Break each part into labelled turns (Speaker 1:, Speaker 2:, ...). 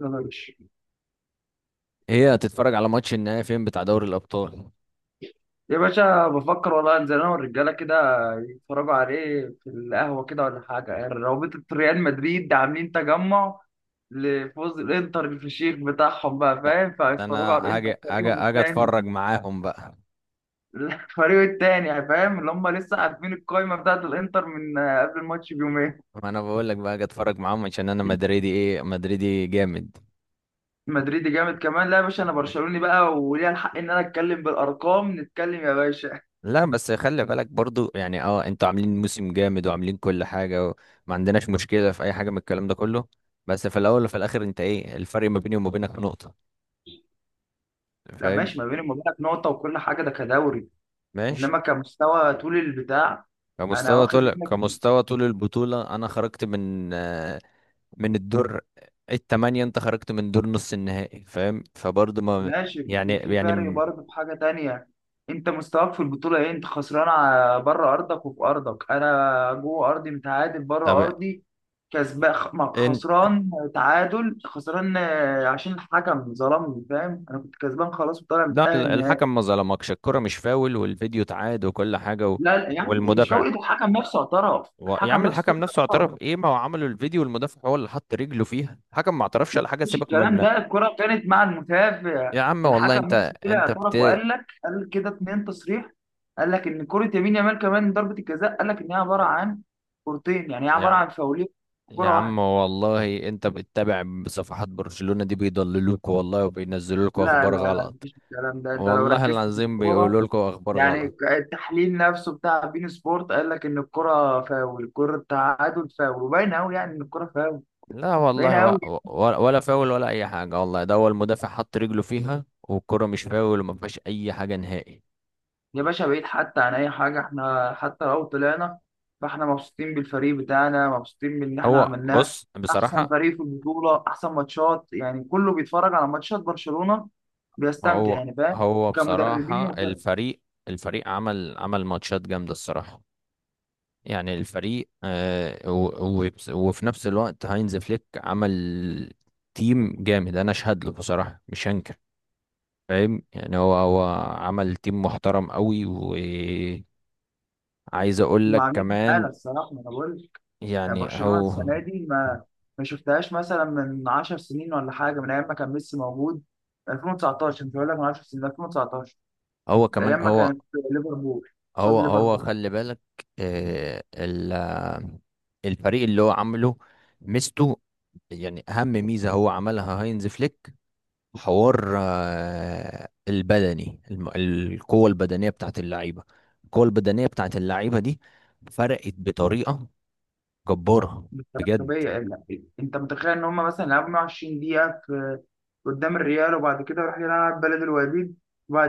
Speaker 1: يلا يا باشا.
Speaker 2: هي هتتفرج على ماتش النهائي فين بتاع دوري الابطال؟
Speaker 1: يا باشا بفكر والله انزل انا والرجاله كده يتفرجوا عليه في القهوه كده ولا حاجه، يعني رابطه ريال مدريد عاملين تجمع لفوز الانتر الفشيخ بتاعهم، بقى
Speaker 2: لا،
Speaker 1: فاهم؟
Speaker 2: ده
Speaker 1: فهيتفرجوا
Speaker 2: انا
Speaker 1: على الانتر
Speaker 2: هاجي هاجي
Speaker 1: فريقهم
Speaker 2: هاجي
Speaker 1: التاني.
Speaker 2: اتفرج معاهم بقى.
Speaker 1: الفريق التاني يعني، فاهم اللي هم لسه عارفين القايمه بتاعت الانتر من قبل الماتش بيومين.
Speaker 2: ما انا بقول لك بقى هاجي اتفرج معاهم عشان انا مدريدي، ايه، مدريدي جامد.
Speaker 1: مدريد جامد كمان، لا يا باشا انا برشلوني بقى وليا الحق ان انا اتكلم بالارقام، نتكلم يا باشا.
Speaker 2: لا بس خلي بالك برضو يعني انتوا عاملين موسم جامد وعاملين كل حاجة، وما عندناش مشكلة في اي حاجة من الكلام ده كله. بس في الاول وفي الاخر انت ايه الفرق ما بيني وما بينك؟ نقطة.
Speaker 1: لا
Speaker 2: فاهم.
Speaker 1: ماشي، ما بيني وما بينك نقطه وكل حاجه ده كدوري،
Speaker 2: ماشي.
Speaker 1: انما كمستوى طول البتاع. انا واخد منك.
Speaker 2: كمستوى طول البطولة، انا خرجت من الدور التمانية، انت خرجت من دور نص النهائي، فاهم، فبرضه ما
Speaker 1: ماشي،
Speaker 2: يعني
Speaker 1: في فرق برضه، في حاجه تانية. انت مستواك في البطوله ايه؟ انت خسران بره ارضك وفي ارضك، انا جوه ارضي متعادل
Speaker 2: طب.
Speaker 1: بره ارضي كسبان.
Speaker 2: انت،
Speaker 1: خسران تعادل خسران، عشان الحكم ظلمني، فاهم؟ انا كنت كسبان خلاص وطالع
Speaker 2: لا،
Speaker 1: متاهل نهائي.
Speaker 2: الحكم ما ظلمكش، الكرة مش فاول، والفيديو اتعاد وكل حاجة
Speaker 1: لا، يعني مش
Speaker 2: والمدافع
Speaker 1: فوقت، الحكم نفسه اعترف،
Speaker 2: يا
Speaker 1: الحكم
Speaker 2: عم
Speaker 1: نفسه.
Speaker 2: الحكم نفسه اعترف ايه؟ ما هو عملوا الفيديو والمدافع هو اللي حط رجله فيها، الحكم ما اعترفش على حاجة،
Speaker 1: مفيش
Speaker 2: سيبك
Speaker 1: الكلام
Speaker 2: من.
Speaker 1: ده، الكرة كانت مع المتابع.
Speaker 2: يا عم والله
Speaker 1: الحكم
Speaker 2: انت،
Speaker 1: نفسه طلع
Speaker 2: انت
Speaker 1: اعترف
Speaker 2: بت
Speaker 1: وقال لك، قال كده اتنين تصريح. قال لك ان كرة يمين يامال كمان ضربة الجزاء، قال لك ان هي عبارة عن كورتين، يعني هي عبارة
Speaker 2: يا
Speaker 1: عن فاولين في
Speaker 2: يا
Speaker 1: كرة
Speaker 2: عم
Speaker 1: واحدة.
Speaker 2: والله انت بتتابع صفحات برشلونة دي، بيضللوك والله، وبينزلوا لكم
Speaker 1: لا
Speaker 2: اخبار
Speaker 1: لا لا
Speaker 2: غلط،
Speaker 1: مفيش الكلام ده، انت لو
Speaker 2: والله
Speaker 1: ركزت في
Speaker 2: العظيم
Speaker 1: الكورة
Speaker 2: بيقولوا لكم اخبار
Speaker 1: يعني،
Speaker 2: غلط.
Speaker 1: التحليل نفسه بتاع بين سبورت قال لك ان الكرة فاول، الكرة التعادل فاول، وباين قوي يعني ان الكرة فاول،
Speaker 2: لا
Speaker 1: باين
Speaker 2: والله
Speaker 1: قوي.
Speaker 2: ولا فاول ولا اي حاجه والله، ده هو المدافع حط رجله فيها، والكره مش فاول وما فيهاش اي حاجه نهائي.
Speaker 1: يا باشا بعيد حتى عن اي حاجه، احنا حتى لو طلعنا فاحنا مبسوطين بالفريق بتاعنا، مبسوطين بان احنا
Speaker 2: هو
Speaker 1: عملناه
Speaker 2: بص
Speaker 1: احسن
Speaker 2: بصراحه،
Speaker 1: فريق في البطوله، احسن ماتشات، يعني كله بيتفرج على ماتشات برشلونه بيستمتع،
Speaker 2: هو
Speaker 1: يعني فاهم؟
Speaker 2: هو
Speaker 1: كمدربين
Speaker 2: بصراحه
Speaker 1: وفرق
Speaker 2: الفريق عمل ماتشات جامده الصراحه. يعني الفريق وفي نفس الوقت هاينز فليك عمل تيم جامد، انا اشهد له بصراحه، مش هنكر. فاهم يعني هو عمل تيم محترم قوي، و عايز اقول
Speaker 1: هم
Speaker 2: لك
Speaker 1: عاملين
Speaker 2: كمان.
Speaker 1: حاله الصراحه، ما انا بقول لك. يعني
Speaker 2: يعني
Speaker 1: برشلونه
Speaker 2: هو
Speaker 1: السنه دي ما ما شفتهاش مثلا من 10 سنين ولا حاجه، من ايام ما كان ميسي موجود، 2019، مش هقول لك من 10 سنين، 2019،
Speaker 2: هو
Speaker 1: ده
Speaker 2: كمان
Speaker 1: ايام ما كانت ليفربول قصاد
Speaker 2: هو
Speaker 1: ليفربول.
Speaker 2: خلي بالك، آه، ال- آه، الفريق اللي هو عامله، ميزته، يعني اهم ميزة هو عملها هاينز فليك، حوار القوة البدنية بتاعت اللعيبة، القوة البدنية بتاعت اللعيبة دي فرقت بطريقة جبارة،
Speaker 1: بطريقة
Speaker 2: بجد.
Speaker 1: طبيعية، انت متخيل ان هم مثلا لعبوا 120 دقيقة في قدام الريال، وبعد كده راح يلعب بلد الوليد،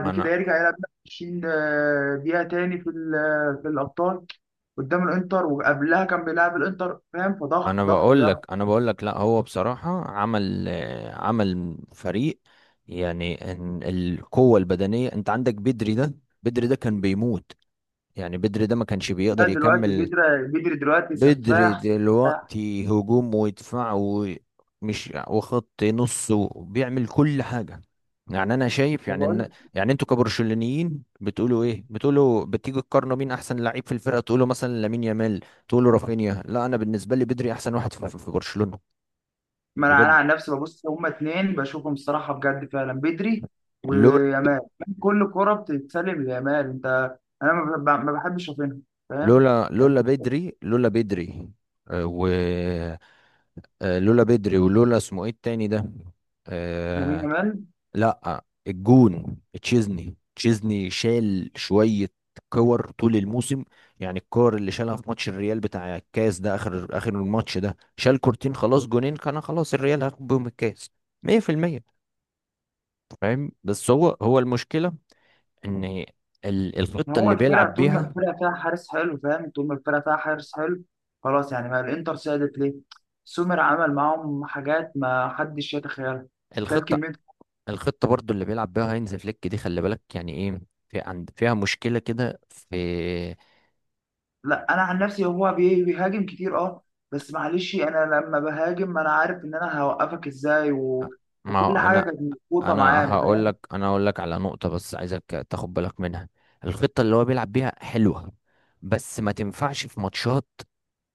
Speaker 2: ما انا
Speaker 1: كده يرجع يلعب 20 دقيقة تاني في في الأبطال قدام الإنتر، وقبلها كان بيلعب الإنتر، فاهم؟ فضغط
Speaker 2: انا
Speaker 1: ضغط
Speaker 2: بقول لك،
Speaker 1: ضغط.
Speaker 2: لا، هو بصراحة عمل عمل فريق، يعني إن القوة البدنية، انت عندك بدري ده، بدري ده كان بيموت، يعني بدري ده ما كانش
Speaker 1: لا
Speaker 2: بيقدر
Speaker 1: دلوقتي
Speaker 2: يكمل.
Speaker 1: بيدري دلوقتي
Speaker 2: بدري
Speaker 1: سفاح.
Speaker 2: دلوقتي هجوم ويدفع ومش وخط نص وبيعمل كل حاجة، يعني انا شايف يعني
Speaker 1: سفاح.
Speaker 2: ان، يعني انتوا كبرشلونيين بتقولوا ايه؟ بتقولوا بتيجوا تقارنوا مين احسن لعيب في الفرقه، تقولوا مثلا لامين يامال، تقولوا رافينيا. لا، انا بالنسبه لي بدري احسن واحد في, برشلونه،
Speaker 1: ما انا انا
Speaker 2: بجد.
Speaker 1: عن نفسي ببص، هما اتنين بشوفهم الصراحه بجد فعلا، بدري
Speaker 2: لولا
Speaker 1: ويامال، يعني كل كرة بتتسلم ليامال، انت انا ما بحبش اشوفها، فاهم يعني؟
Speaker 2: لولا بدري، لولا بدري، آه، و لولا بدري، ولولا اسمه ايه التاني ده،
Speaker 1: لامين
Speaker 2: آه،
Speaker 1: يامال.
Speaker 2: لا الجون، تشيزني شال شوية كور طول الموسم، يعني الكور اللي شالها في ماتش الريال بتاع الكاس ده، اخر اخر الماتش ده شال كورتين خلاص، جونين كان خلاص الريال هياخد بيهم الكاس، 100%. فاهم، بس هو المشكلة ان
Speaker 1: ما
Speaker 2: الخطة
Speaker 1: هو
Speaker 2: اللي
Speaker 1: الفرقه،
Speaker 2: بيلعب
Speaker 1: طول ما
Speaker 2: بيها،
Speaker 1: الفرقه فيها حارس حلو، فاهم؟ طول ما الفرقه فيها حارس حلو خلاص، يعني ما الانتر سادت ليه؟ سومر عمل معاهم حاجات ما حدش يتخيلها، شال
Speaker 2: الخطة،
Speaker 1: كميه.
Speaker 2: الخطة برضو اللي بيلعب بيها هينز فليك دي خلي بالك يعني ايه، في عند فيها مشكلة كده في،
Speaker 1: لا انا عن نفسي هو بيهاجم كتير اه، بس معلش، انا لما بهاجم انا عارف ان انا هوقفك ازاي و...
Speaker 2: ما هو
Speaker 1: وكل حاجه
Speaker 2: انا
Speaker 1: كانت مظبوطه معاه، فاهم؟
Speaker 2: انا هقول لك على نقطة بس، عايزك تاخد بالك منها. الخطة اللي هو بيلعب بيها حلوة، بس ما تنفعش في ماتشات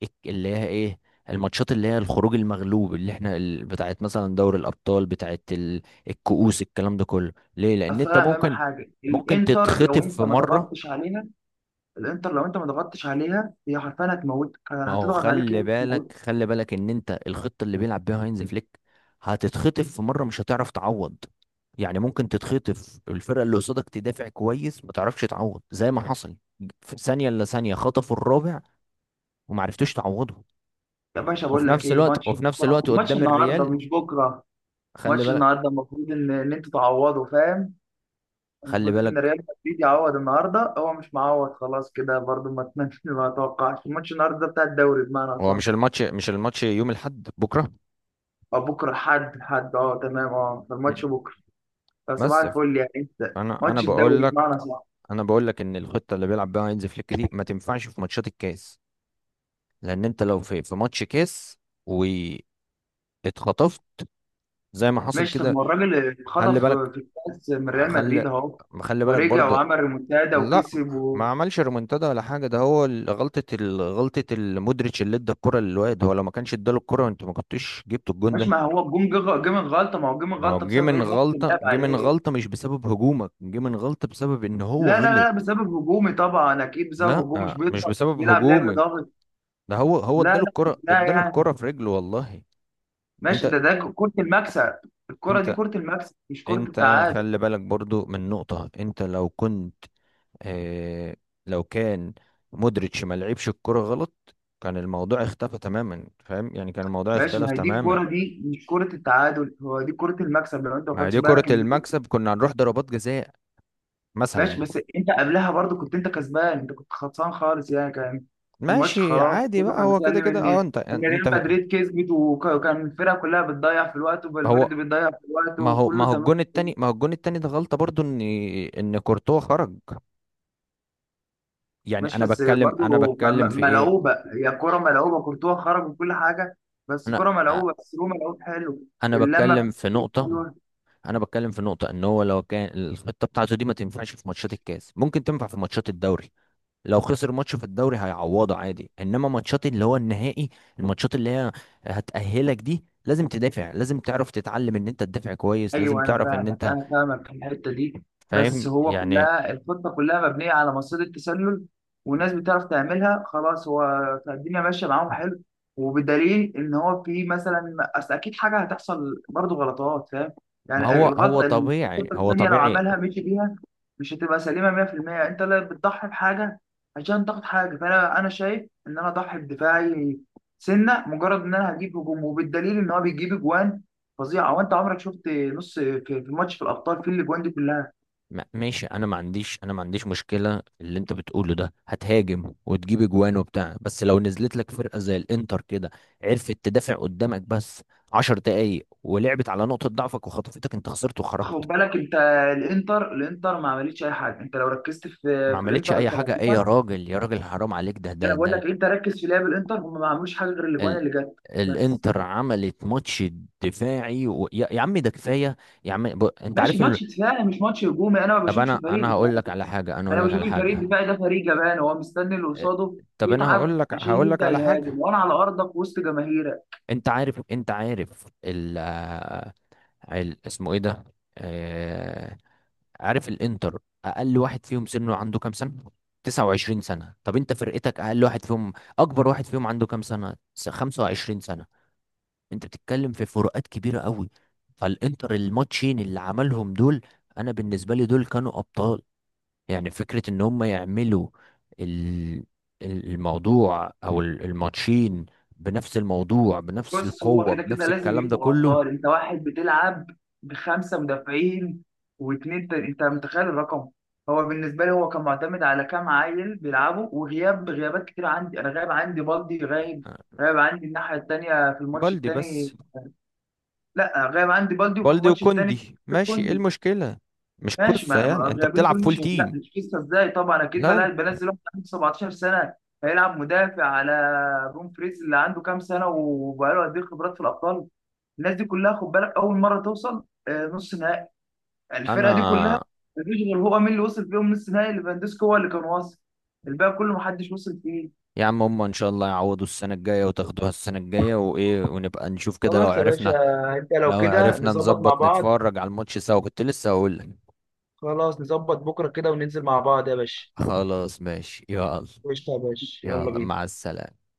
Speaker 2: اللي هي ايه، الماتشات اللي هي الخروج المغلوب، اللي احنا بتاعت مثلا دوري الابطال، بتاعت الكؤوس، الكلام ده كله. ليه؟ لان
Speaker 1: اصل
Speaker 2: انت
Speaker 1: انا هفهمك
Speaker 2: ممكن،
Speaker 1: حاجه،
Speaker 2: ممكن
Speaker 1: الانتر لو
Speaker 2: تتخطف في
Speaker 1: انت ما
Speaker 2: مرة.
Speaker 1: ضغطتش عليها، الانتر لو انت ما ضغطتش عليها هي حرفيا هتموتك،
Speaker 2: ما
Speaker 1: يعني
Speaker 2: هو
Speaker 1: هتضغط عليك يا
Speaker 2: خلي
Speaker 1: هتموتك.
Speaker 2: بالك، خلي بالك، ان انت الخطه اللي بيلعب بيها هاينز فليك هتتخطف في مره، مش هتعرف تعوض، يعني ممكن تتخطف، الفرقه اللي قصادك تدافع كويس، ما تعرفش تعوض، زي ما حصل في ثانيه الا ثانيه خطفوا الرابع، وما عرفتوش تعوضه.
Speaker 1: يا باشا بقول لك ايه، ماتش
Speaker 2: وفي نفس
Speaker 1: بكره،
Speaker 2: الوقت
Speaker 1: ماتش
Speaker 2: قدام
Speaker 1: النهارده
Speaker 2: الريال،
Speaker 1: مش بكره.
Speaker 2: خلي
Speaker 1: ماتش
Speaker 2: بالك،
Speaker 1: النهارده المفروض ان ان انتوا تعوضوا، فاهم؟
Speaker 2: خلي
Speaker 1: المفروض ان
Speaker 2: بالك،
Speaker 1: ريال مدريد يعوض النهارده، هو مش معوض خلاص كده برضو، ما اتمنش ما اتوقعش الماتش النهارده ده بتاع الدوري بمعنى
Speaker 2: هو
Speaker 1: اصح.
Speaker 2: مش الماتش، يوم الاحد بكره.
Speaker 1: او بكره، حد اه تمام اه، فالماتش
Speaker 2: م.
Speaker 1: بكره. فصباح
Speaker 2: بس ف-
Speaker 1: الفل، يعني انت
Speaker 2: انا انا
Speaker 1: ماتش
Speaker 2: بقول
Speaker 1: الدوري
Speaker 2: لك،
Speaker 1: بمعنى اصح.
Speaker 2: انا بقول لك ان الخطه اللي بيلعب بيها هاينز فليك دي ما تنفعش في ماتشات الكاس، لان انت لو في ماتش كاس واتخطفت زي ما حصل
Speaker 1: ماشي، طب
Speaker 2: كده،
Speaker 1: ما الراجل اللي
Speaker 2: خلي
Speaker 1: اتخطف
Speaker 2: بالك،
Speaker 1: في الكاس من ريال
Speaker 2: خلي
Speaker 1: مدريد اهو،
Speaker 2: خلي بالك
Speaker 1: ورجع
Speaker 2: برضه.
Speaker 1: وعمل ريمونتادا
Speaker 2: لا،
Speaker 1: وكسب
Speaker 2: ما
Speaker 1: و...
Speaker 2: عملش ريمونتادا ولا حاجه، ده هو غلطه المودريتش اللي ادى الكره للواد، هو لو ما كانش اداله الكره انت ما كنتش جبت الجون
Speaker 1: مش،
Speaker 2: ده.
Speaker 1: ما هو الجون جه جه من غلطه، ما هو جه من
Speaker 2: ما هو
Speaker 1: غلطه
Speaker 2: جه
Speaker 1: بسبب
Speaker 2: من
Speaker 1: ايه، ضغط
Speaker 2: غلطه،
Speaker 1: اللعب
Speaker 2: جه من
Speaker 1: عليه.
Speaker 2: غلطه مش بسبب هجومك، جه من غلطه بسبب ان هو
Speaker 1: لا
Speaker 2: غلط.
Speaker 1: بسبب هجومي طبعا اكيد، بسبب
Speaker 2: لا،
Speaker 1: هجومي، مش
Speaker 2: مش
Speaker 1: بيضغط، مش
Speaker 2: بسبب
Speaker 1: بيلعب لعب
Speaker 2: هجومك،
Speaker 1: ضاغط.
Speaker 2: ده هو
Speaker 1: لا
Speaker 2: اداله
Speaker 1: لا
Speaker 2: الكره،
Speaker 1: لا
Speaker 2: اداله
Speaker 1: يعني
Speaker 2: الكره في رجله والله.
Speaker 1: ماشي،
Speaker 2: انت
Speaker 1: ده كرة المكسب، الكرة دي
Speaker 2: انت
Speaker 1: كرة المكسب مش كرة
Speaker 2: انت
Speaker 1: التعادل.
Speaker 2: خلي بالك برضو من نقطة، انت لو كنت، اه، لو كان مودريتش ما لعبش الكرة غلط كان الموضوع اختفى تماما، فاهم يعني كان الموضوع
Speaker 1: ماشي،
Speaker 2: اختلف
Speaker 1: ما هي دي
Speaker 2: تماما.
Speaker 1: الكرة، دي مش كرة التعادل، هو دي كرة المكسب لو انت ما
Speaker 2: ما هي
Speaker 1: خدتش
Speaker 2: دي كرة
Speaker 1: بالك ان دي كرة.
Speaker 2: المكسب، كنا هنروح ضربات جزاء
Speaker 1: ماشي
Speaker 2: مثلا.
Speaker 1: بس انت قبلها برضو كنت انت كسبان، انت كنت خلصان خالص، يعني كان الماتش
Speaker 2: ماشي
Speaker 1: خلاص
Speaker 2: عادي
Speaker 1: كله
Speaker 2: بقى،
Speaker 1: كان
Speaker 2: هو كده
Speaker 1: سلم
Speaker 2: كده،
Speaker 1: ان
Speaker 2: انت
Speaker 1: ان
Speaker 2: انت
Speaker 1: ريال
Speaker 2: ما
Speaker 1: مدريد كسبت، وكان الفرقة كلها بتضيع في الوقت، وفالفيردي
Speaker 2: هو،
Speaker 1: بتضيع في الوقت
Speaker 2: ما
Speaker 1: وكله
Speaker 2: هو
Speaker 1: تمام.
Speaker 2: الجون التاني، ده غلطة برضو، ان ان كورتوا خرج، يعني
Speaker 1: ماشي بس
Speaker 2: انا
Speaker 1: برضو
Speaker 2: بتكلم في ايه،
Speaker 1: ملعوبة، هي كرة ملعوبة، كورتوا خرج وكل حاجة، بس
Speaker 2: انا
Speaker 1: كرة ملعوبة، بس هو ملعوب حلو،
Speaker 2: انا
Speaker 1: اللمة
Speaker 2: بتكلم في
Speaker 1: بتاعته
Speaker 2: نقطة،
Speaker 1: حلوة.
Speaker 2: انا بتكلم في نقطه، ان هو لو كان الخطه بتاعته دي ما تنفعش في ماتشات الكاس، ممكن تنفع في ماتشات الدوري، لو خسر ماتش في الدوري هيعوضه عادي، انما ماتشات اللي هو النهائي، الماتشات اللي هي هتأهلك دي لازم تدافع، لازم تعرف تتعلم ان انت تدافع كويس، لازم
Speaker 1: ايوه، انا
Speaker 2: تعرف ان
Speaker 1: فاهمك،
Speaker 2: انت
Speaker 1: انا فاهمك في الحته دي، بس
Speaker 2: فاهم
Speaker 1: هو
Speaker 2: يعني.
Speaker 1: كلها الخطه كلها مبنيه على مصيده التسلل، والناس بتعرف تعملها خلاص، هو الدنيا ماشيه معاهم حلو، وبدليل ان هو في مثلا اصل اكيد حاجه هتحصل برضه غلطات، فاهم
Speaker 2: ما
Speaker 1: يعني؟
Speaker 2: هو هو
Speaker 1: الغلطه،
Speaker 2: طبيعي،
Speaker 1: الخطه
Speaker 2: هو
Speaker 1: الثانيه لو
Speaker 2: طبيعي.
Speaker 1: عملها مشي بيها، مش هتبقى سليمه 100%، انت لا بتضحي بحاجه عشان تاخد حاجه، فانا انا شايف ان انا اضحي بدفاعي سنه مجرد ان انا هجيب هجوم، وبالدليل ان هو بيجيب اجوان فظيعه، هو انت عمرك شفت نص في في ماتش في الابطال في الاجوان دي كلها؟
Speaker 2: ماشي، انا ما عنديش مشكله في اللي انت بتقوله ده، هتهاجم وتجيب اجوان وبتاع، بس لو نزلت لك فرقه زي الانتر كده عرفت تدافع قدامك بس عشر دقايق، ولعبت على نقطه ضعفك وخطفتك، انت خسرت
Speaker 1: خد
Speaker 2: وخرجت.
Speaker 1: بالك انت، الانتر ما عملتش اي حاجه، انت لو ركزت في
Speaker 2: ما
Speaker 1: في
Speaker 2: عملتش
Speaker 1: الانتر
Speaker 2: اي حاجه ايه يا
Speaker 1: كلاعبين،
Speaker 2: راجل، يا راجل حرام عليك،
Speaker 1: انا بقول لك انت ركز في لعب الانتر، هم ما عملوش حاجه غير الاجوان
Speaker 2: ال...
Speaker 1: اللي جت بس.
Speaker 2: الانتر عملت ماتش دفاعي يا عم ده كفايه، يا عم انت
Speaker 1: ماشي
Speaker 2: عارف
Speaker 1: ماتش دفاعي مش ماتش هجومي، انا ما
Speaker 2: طب
Speaker 1: بشوفش
Speaker 2: انا
Speaker 1: فريق
Speaker 2: انا هقول
Speaker 1: دفاعي،
Speaker 2: لك على حاجه،
Speaker 1: انا بشوف الفريق الدفاعي ده فريق جبان، هو مستني اللي قصاده
Speaker 2: طب انا
Speaker 1: يتعب
Speaker 2: هقول لك،
Speaker 1: عشان
Speaker 2: هقول لك
Speaker 1: يبدا
Speaker 2: على
Speaker 1: يهاجم،
Speaker 2: حاجه
Speaker 1: وانا على ارضك وسط جماهيرك.
Speaker 2: انت عارف، انت عارف ال اسمه ايه ده، آه، عارف الانتر، اقل واحد فيهم سنه عنده كام سنة؟ 29 سنة. طب انت فرقتك اقل واحد فيهم، اكبر واحد فيهم عنده كام سنة؟ 25 سنة. انت بتتكلم في فروقات كبيرة قوي، فالانتر الماتشين اللي عملهم دول انا بالنسبة لي دول كانوا ابطال، يعني فكرة ان هم يعملوا ال- الموضوع، او الماتشين بنفس الموضوع بنفس
Speaker 1: بص، هو
Speaker 2: القوة
Speaker 1: كده كده
Speaker 2: بنفس
Speaker 1: لازم
Speaker 2: الكلام ده
Speaker 1: يبقوا
Speaker 2: كله،
Speaker 1: غدار، انت واحد بتلعب بخمسه مدافعين واتنين انت متخيل الرقم؟ هو بالنسبه لي هو كان معتمد على كام عيل بيلعبوا، وغياب غيابات كتير عندي، انا غايب عندي بالدي، غايب
Speaker 2: آه،
Speaker 1: غايب عندي الناحيه التانيه في الماتش
Speaker 2: بلدي
Speaker 1: التاني.
Speaker 2: بس،
Speaker 1: لا، غايب عندي بالدي وفي
Speaker 2: بلدي
Speaker 1: الماتش التاني
Speaker 2: وكوندي
Speaker 1: في
Speaker 2: ماشي، ايه
Speaker 1: كوندي.
Speaker 2: المشكلة؟ مش
Speaker 1: ماشي،
Speaker 2: قصة
Speaker 1: ما ما
Speaker 2: يعني انت
Speaker 1: اللاعبين
Speaker 2: بتلعب
Speaker 1: دول
Speaker 2: فول
Speaker 1: مش هي- لا
Speaker 2: تيم.
Speaker 1: مش قصه ازاي، طبعا اكيد
Speaker 2: لا،
Speaker 1: بنزل واحد عنده 17 سنه هيلعب مدافع على بوم فريز اللي عنده كام سنه وبقاله قد ايه خبرات في الابطال، الناس دي كلها خد بالك اول مره توصل نص نهائي، الفرقه دي كلها
Speaker 2: انا
Speaker 1: مفيش غير، هو مين اللي وصل فيهم نص نهائي؟ ليفاندوسكي هو اللي كان واصل، الباقي كله محدش وصل فيه.
Speaker 2: يا عم، هم ان شاء الله يعوضوا السنة الجاية وتاخدوها السنة الجاية وايه ونبقى نشوف كده لو
Speaker 1: خلاص يا باشا،
Speaker 2: عرفنا،
Speaker 1: انت لو
Speaker 2: لو
Speaker 1: كده
Speaker 2: عرفنا
Speaker 1: نظبط مع
Speaker 2: نظبط
Speaker 1: بعض،
Speaker 2: نتفرج على الماتش سوا، كنت لسه هقول لك.
Speaker 1: خلاص نظبط بكره كده وننزل مع بعض يا باشا.
Speaker 2: خلاص ماشي يلا.
Speaker 1: قشطة يا باشا، يلا
Speaker 2: يلا
Speaker 1: بينا.
Speaker 2: مع السلامة.